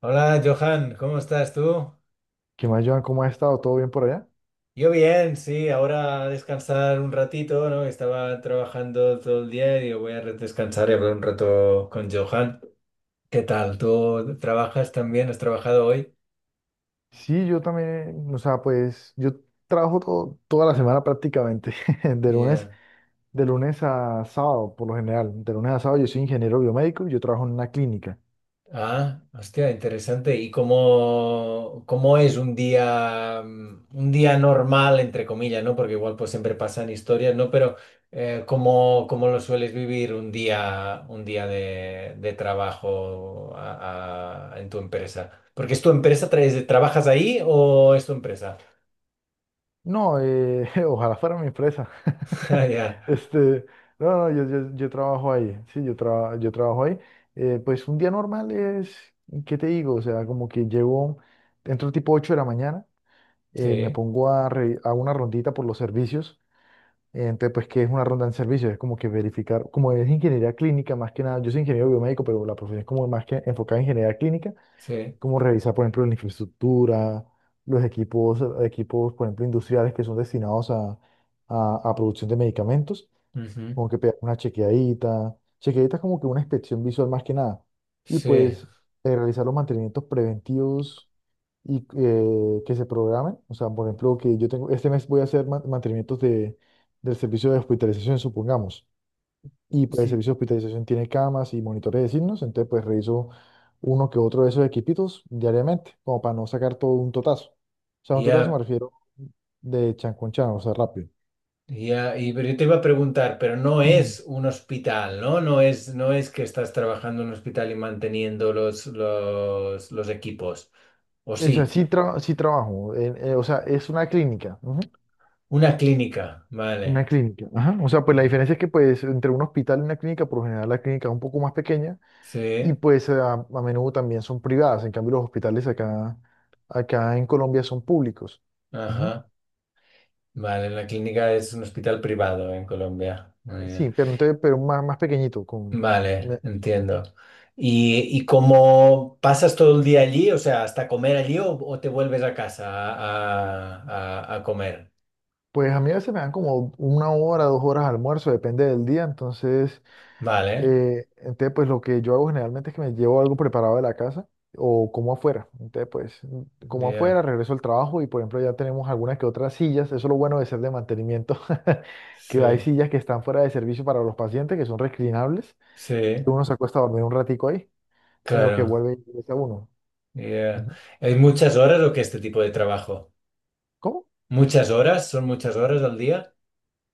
Hola Johan, ¿cómo estás tú? ¿Qué más, Joan? ¿Cómo ha estado? ¿Todo bien por allá? Yo bien, sí, ahora a descansar un ratito, ¿no? Estaba trabajando todo el día y digo, voy a descansar y hablar un rato con Johan. ¿Qué tal? ¿Tú trabajas también? ¿Has trabajado hoy? Sí, yo también, o sea, pues yo trabajo toda la semana prácticamente, de lunes, Yeah. de lunes a sábado, por lo general. De lunes a sábado yo soy ingeniero biomédico y yo trabajo en una clínica. Ah, hostia, interesante. ¿Y cómo es un día, un día normal, entre comillas, ¿no? Porque igual pues siempre pasan historias, ¿no? Pero ¿cómo lo sueles vivir un día de trabajo en tu empresa? Porque es tu empresa, ¿trabajas ahí o es tu empresa? No, ojalá fuera mi empresa. Ah, ya. Este, no, no, yo trabajo ahí, sí, yo trabajo ahí. Pues un día normal es, ¿qué te digo? O sea, como que llego, entro tipo 8 de la mañana, Sí, me pongo a, a una rondita por los servicios. Entonces, pues, ¿qué es una ronda en servicio? Es como que verificar, como es ingeniería clínica, más que nada, yo soy ingeniero biomédico, pero la profesión es como más que enfocada en ingeniería clínica, sí. como revisar, por ejemplo, la infraestructura, los equipos, equipos, por ejemplo, industriales que son destinados a, a producción de medicamentos, Ujú, como que pegar una chequeadita. Chequeadita es como que una inspección visual más que nada. Y sí. pues realizar los mantenimientos preventivos y que se programen. O sea, por ejemplo, que yo tengo, este mes voy a hacer mantenimientos de, del servicio de hospitalización, supongamos. Y pues el Sí. servicio de hospitalización tiene camas y monitores de signos, entonces pues reviso uno que otro de esos equipitos diariamente, como para no sacar todo un totazo. O sea, un totazo me Ya, refiero de chancón con chan, o sea, rápido. ya, y pero yo te iba a preguntar, pero no es un hospital, ¿no? No es, no es que estás trabajando en un hospital y manteniendo los equipos. O O sea, sí, sí, sí trabajo. O sea, es una clínica. Ujú. una clínica, Una vale. clínica. Ajá. O sea, pues la Sí, diferencia es que pues entre un hospital y una clínica, por lo general la clínica es un poco más pequeña y sí, pues a menudo también son privadas. En cambio, los hospitales acá, acá en Colombia son públicos. Ujú. ajá. Vale, la clínica es un hospital privado en Colombia. Muy bien. Sí, pero, pero más, más pequeñito. Con, Vale, me- entiendo. ¿Y cómo pasas todo el día allí? O sea, ¿hasta comer allí o te vuelves a casa a comer? pues a mí a veces me dan como una hora, 2 horas de almuerzo, depende del día. Entonces... Vale, Entonces, pues lo que yo hago generalmente es que me llevo algo preparado de la casa o como afuera. Entonces, pues como ya, afuera, regreso al trabajo y, por ejemplo, ya tenemos algunas que otras sillas. Eso es lo bueno de ser de mantenimiento, que hay sí. sillas que están fuera de servicio para los pacientes, que son reclinables. Sí, Uno se acuesta a dormir un ratico ahí, en lo que claro. vuelve y regresa uno. Yeah. Ujú. ¿Hay muchas horas o qué este tipo de trabajo? ¿Cómo? ¿Muchas horas? ¿Son muchas horas al día?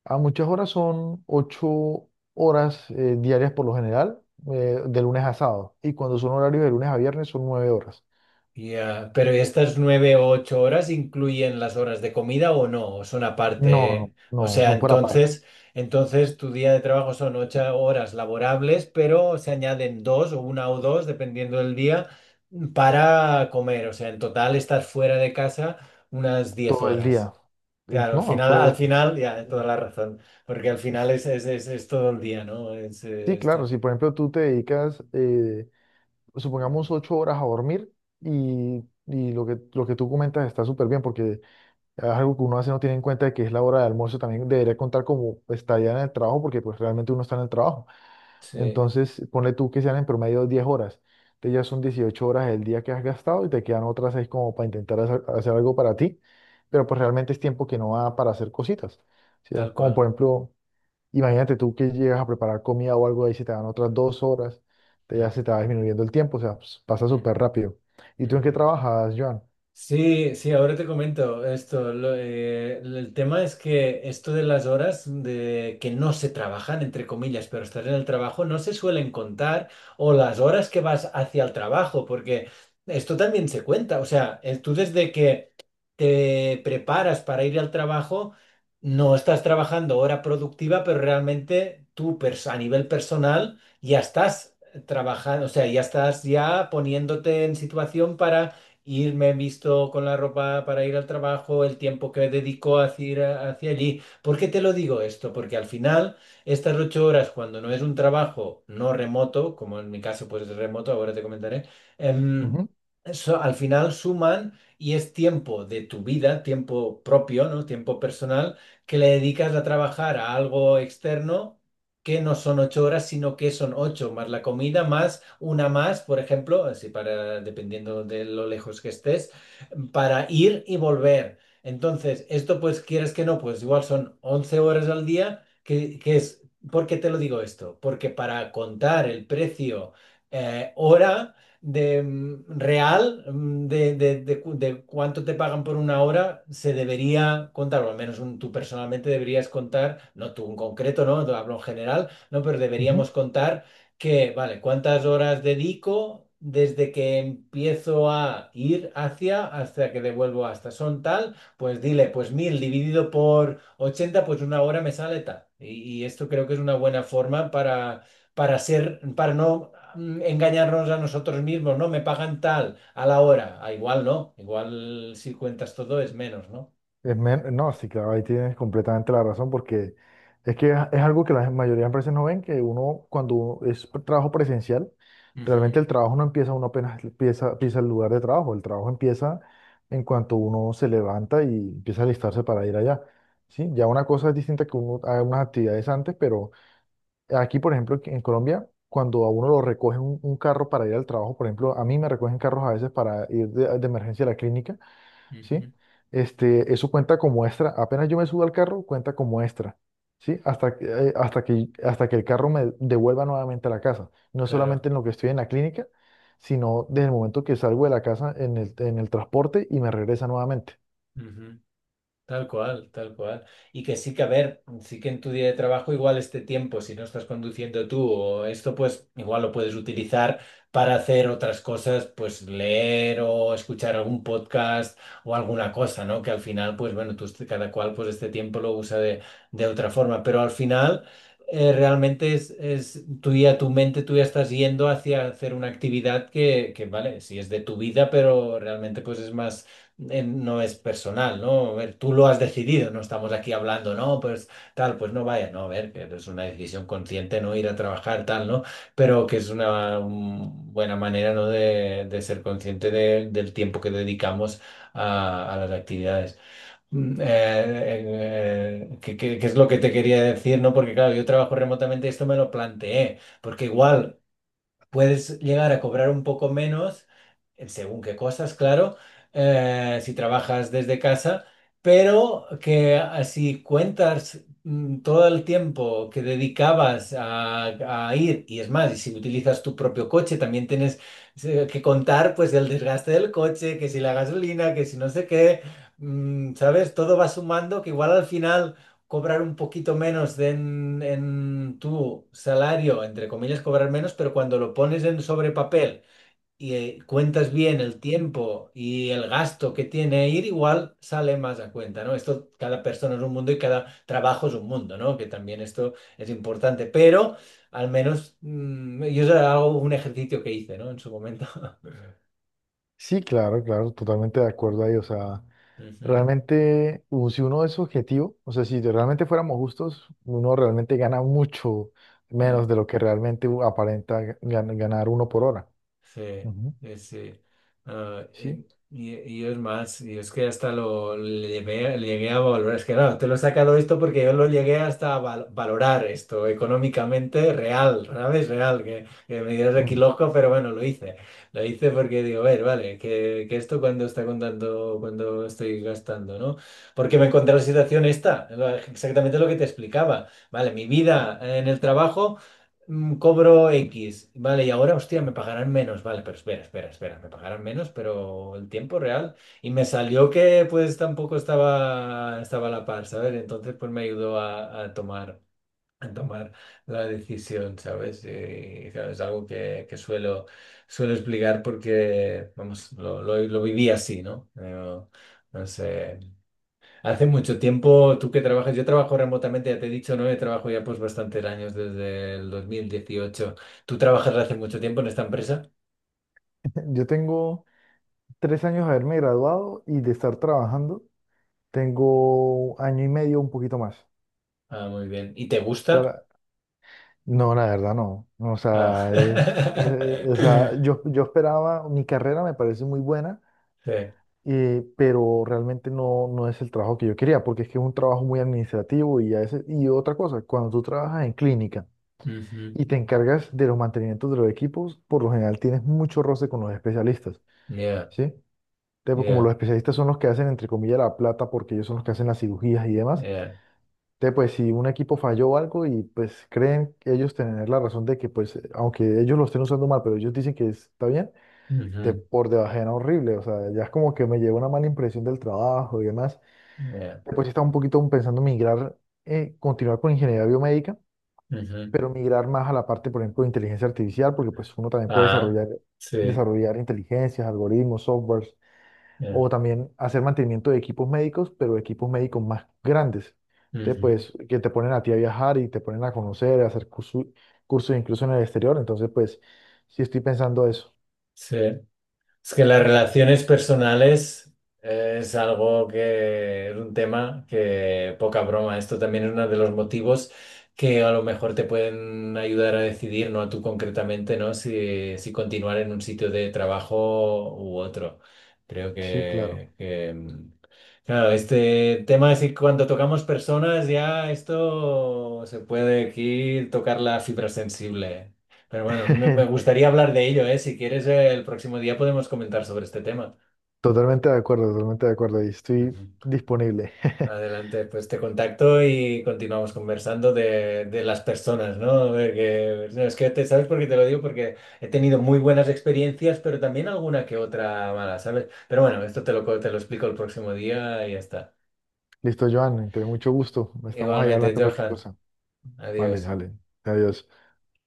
A muchas horas son 8 horas diarias por lo general, de lunes a sábado. Y cuando son horarios de lunes a viernes son 9 horas. Yeah. Pero estas 9 o 8 horas incluyen las horas de comida o no, o son No, aparte, no, ¿eh? O no, sea, son por aparte. entonces tu día de trabajo son 8 horas laborables, pero se añaden 2 o 1 o 2, dependiendo del día, para comer. O sea, en total estás fuera de casa unas diez Todo el horas. día. Claro, No, pero, al final, ya, toda la razón, porque al es- final es todo el día, ¿no? Sí, claro, si por ejemplo tú te dedicas, supongamos, Ujú. 8 horas a dormir y, lo que tú comentas está súper bien porque es algo que uno hace, no tiene en cuenta de que es la hora de almuerzo, también debería contar como estadía en el trabajo porque pues realmente uno está en el trabajo. Sí, Entonces, ponle tú que sean en promedio 10 horas. Entonces ya son 18 horas el día que has gastado y te quedan otras seis como para intentar hacer algo para ti, pero pues realmente es tiempo que no va para hacer cositas. O sea, tal como cual. por ejemplo... Imagínate tú que llegas a preparar comida o algo ahí, se te dan otras 2 horas, ya Mm, se te va disminuyendo el tiempo, o sea, pues, pasa mm, súper rápido. ¿Y tú en qué ujú. trabajas, Joan? Sí, sí, ahora te comento esto. El tema es que esto de las horas de que no se trabajan, entre comillas, pero estar en el trabajo, no se suelen contar, o las horas que vas hacia el trabajo, porque esto también se cuenta. O sea, tú desde que te preparas para ir al trabajo, no estás trabajando hora productiva, pero realmente tú a nivel personal ya estás trabajando, o sea, ya estás ya poniéndote en situación para irme visto con la ropa para ir al trabajo, el tiempo que dedico a ir hacia allí. ¿Por qué te lo digo esto? Porque al final estas 8 horas, cuando no es un trabajo no remoto, como en mi caso pues es remoto, ahora te comentaré, em, Ujú, al final suman y es tiempo de tu vida, tiempo propio, ¿no? Tiempo personal, que le dedicas a trabajar a algo externo que no son 8 horas, sino que son 8 más la comida, más una más, por ejemplo, así para, dependiendo de lo lejos que estés, para ir y volver. Entonces, esto pues quieres que no, pues igual son 11 horas al día, ¿por qué te lo digo esto? Porque para contar el precio hora de mm, real mm, de cu- de cuánto te pagan por una hora se debería contar, o al menos tú personalmente deberías contar, no tú en concreto, ¿no? Te hablo en general, ¿no? Pero ujú. deberíamos contar que, vale, cuántas horas dedico desde que empiezo a ir hacia hasta que devuelvo hasta. Son tal, pues dile, pues 1000 dividido por 80 pues una hora me sale tal. Y esto creo que es una buena forma para no engañarnos a nosotros mismos, ¿no? Me pagan tal a la hora. Ah, igual no, igual si cuentas todo es menos, ¿no? No, sí, claro, ahí tienes completamente la razón, porque es que es algo que la mayoría de empresas no ven, que uno cuando uno es trabajo presencial, Ujú, realmente el trabajo no empieza, uno apenas empieza, empieza el lugar de trabajo, el trabajo empieza en cuanto uno se levanta y empieza a alistarse para ir allá. Sí, ya una cosa es distinta que uno haga unas actividades antes, pero aquí, por ejemplo, en Colombia, cuando a uno lo recogen un carro para ir al trabajo, por ejemplo, a mí me recogen carros a veces para ir de emergencia a la clínica, ¿sí? ujú. Este, eso cuenta como extra. Apenas yo me subo al carro, cuenta como extra, ¿sí? Hasta que, hasta que el carro me devuelva nuevamente a la casa. No Claro. solamente en lo que estoy en la clínica, sino desde el momento que salgo de la casa en el transporte y me regresa nuevamente. Ujú. Tal cual, tal cual. Y que sí que, a ver, sí que en tu día de trabajo igual este tiempo, si no estás conduciendo tú o esto, pues igual lo puedes utilizar para hacer otras cosas, pues leer o escuchar algún podcast o alguna cosa, ¿no? Que al final, pues bueno, tú cada cual pues este tiempo lo usa de otra forma, pero al final realmente es tú ya, tu mente, tú ya estás yendo hacia hacer una actividad vale, sí es de tu vida, pero realmente pues es más no es personal, ¿no? A ver, tú lo has decidido, no estamos aquí hablando, no, pues tal, pues no vaya, no, a ver, que es una decisión consciente no ir a trabajar, tal, ¿no? Pero que es una buena manera, ¿no? De ser consciente del tiempo que dedicamos a las actividades. Que es lo que te quería decir, ¿no? Porque claro, yo trabajo remotamente y esto me lo planteé, porque igual. Puedes llegar a cobrar un poco menos, según qué cosas, claro, si trabajas desde casa, pero que ah, si cuentas todo el tiempo que dedicabas a ir, y es más, y si utilizas tu propio coche, también tienes que contar pues el desgaste del coche, que si la gasolina, que si no sé qué, ¿sabes? Todo va sumando que igual al final cobrar un poquito menos de en tu salario, entre comillas, cobrar menos, pero cuando lo pones en sobre papel y cuentas bien el tiempo y el gasto que tiene ir, igual sale más a cuenta, ¿no? Esto, cada persona es un mundo y cada trabajo es un mundo, ¿no? Que también esto es importante, pero al menos yo eso era un ejercicio que hice, ¿no? En su momento. Sí, claro, claro, totalmente de acuerdo ahí. O sea, realmente, si uno es objetivo, o sea, si de- realmente fuéramos justos, uno realmente gana mucho Ujú. menos de lo que realmente ganar uno por hora. Sí, Ujú. sí, sí. Ah, Sí. y yo es más, yo es que hasta le llegué a valorar, es que claro, te lo he sacado esto porque yo lo llegué hasta a valorar esto económicamente real, ¿sabes? Real, que me dirás aquí Mm. loco, pero bueno, lo hice. Lo hice porque digo, a ver, vale, que esto cuando está contando, cuando estoy gastando, ¿no? Porque me encontré la situación esta, exactamente lo que te explicaba. Vale, mi vida en el trabajo cobro X, vale, y ahora, hostia, me pagarán menos, vale, pero espera, espera, espera, me pagarán menos, pero el tiempo real. Y me salió que pues tampoco estaba a la par, ¿sabes? Entonces pues me ayudó a tomar la decisión, ¿sabes? Y, claro, es algo que suelo explicar porque, vamos, lo viví así, ¿no? No, no sé. Hace mucho tiempo, tú que trabajas, yo trabajo remotamente, ya te he dicho, ¿no? Yo trabajo ya pues bastantes años, desde el 2018. ¿Tú trabajas hace mucho tiempo en esta empresa? Yo tengo 3 años de haberme graduado y de estar trabajando, tengo año y medio, un poquito más. O Ah, muy bien. ¿Y te sea, gusta? No, la verdad no. O Ah. sea, es, o sea, yo esperaba, mi carrera me parece muy buena, Sí. Pero realmente no, no es el trabajo que yo quería, porque es que es un trabajo muy administrativo y, a veces... y otra cosa, cuando tú trabajas en clínica Ujú. y te encargas de los mantenimientos de los equipos, por lo general tienes mucho roce con los especialistas, Yeah, ¿sí? Entonces, pues, como yeah, los especialistas son los que hacen, entre comillas, la plata, porque ellos son los que hacen las cirugías y demás, yeah. entonces, pues si un equipo falló o algo y pues creen ellos tener la razón de que, pues, aunque ellos lo estén usando mal, pero ellos dicen que está bien, te Ujú. por debajean horrible, o sea, ya es como que me lleva una mala impresión del trabajo y demás. Yeah. Después estaba un poquito pensando migrar, continuar con ingeniería biomédica, Ujú. pero migrar más a la parte, por ejemplo, de inteligencia artificial, porque pues uno también puede Ah, desarrollar, sí. desarrollar inteligencias, algoritmos, softwares, Yeah. o también hacer mantenimiento de equipos médicos, pero equipos médicos más grandes. Entonces, Ujú. pues, que te ponen a ti a viajar y te ponen a conocer, a hacer cursos incluso en el exterior. Entonces, pues, sí estoy pensando eso. Sí. Es que las relaciones personales es algo que es un tema que poca broma. Esto también es uno de los motivos que a lo mejor te pueden ayudar a decidir, no a tú concretamente, ¿no? Si continuar en un sitio de trabajo u otro. Creo Sí, claro. que, claro, este tema es que cuando tocamos personas ya esto se puede aquí tocar la fibra sensible. Pero bueno, me gustaría hablar de ello, ¿eh? Si quieres, el próximo día podemos comentar sobre este tema. Totalmente de acuerdo, totalmente de acuerdo. Y estoy Ujú. disponible. Adelante, pues te contacto y continuamos conversando de las personas, ¿no? No, es que te, ¿sabes por qué te lo digo? Porque he tenido muy buenas experiencias, pero también alguna que otra mala, ¿sabes? Pero bueno, esto te lo explico el próximo día y ya está. Listo, Joan, te mucho gusto. Estamos ahí Igualmente, hablando cualquier Johan, cosa. Vale, adiós. vale. Adiós.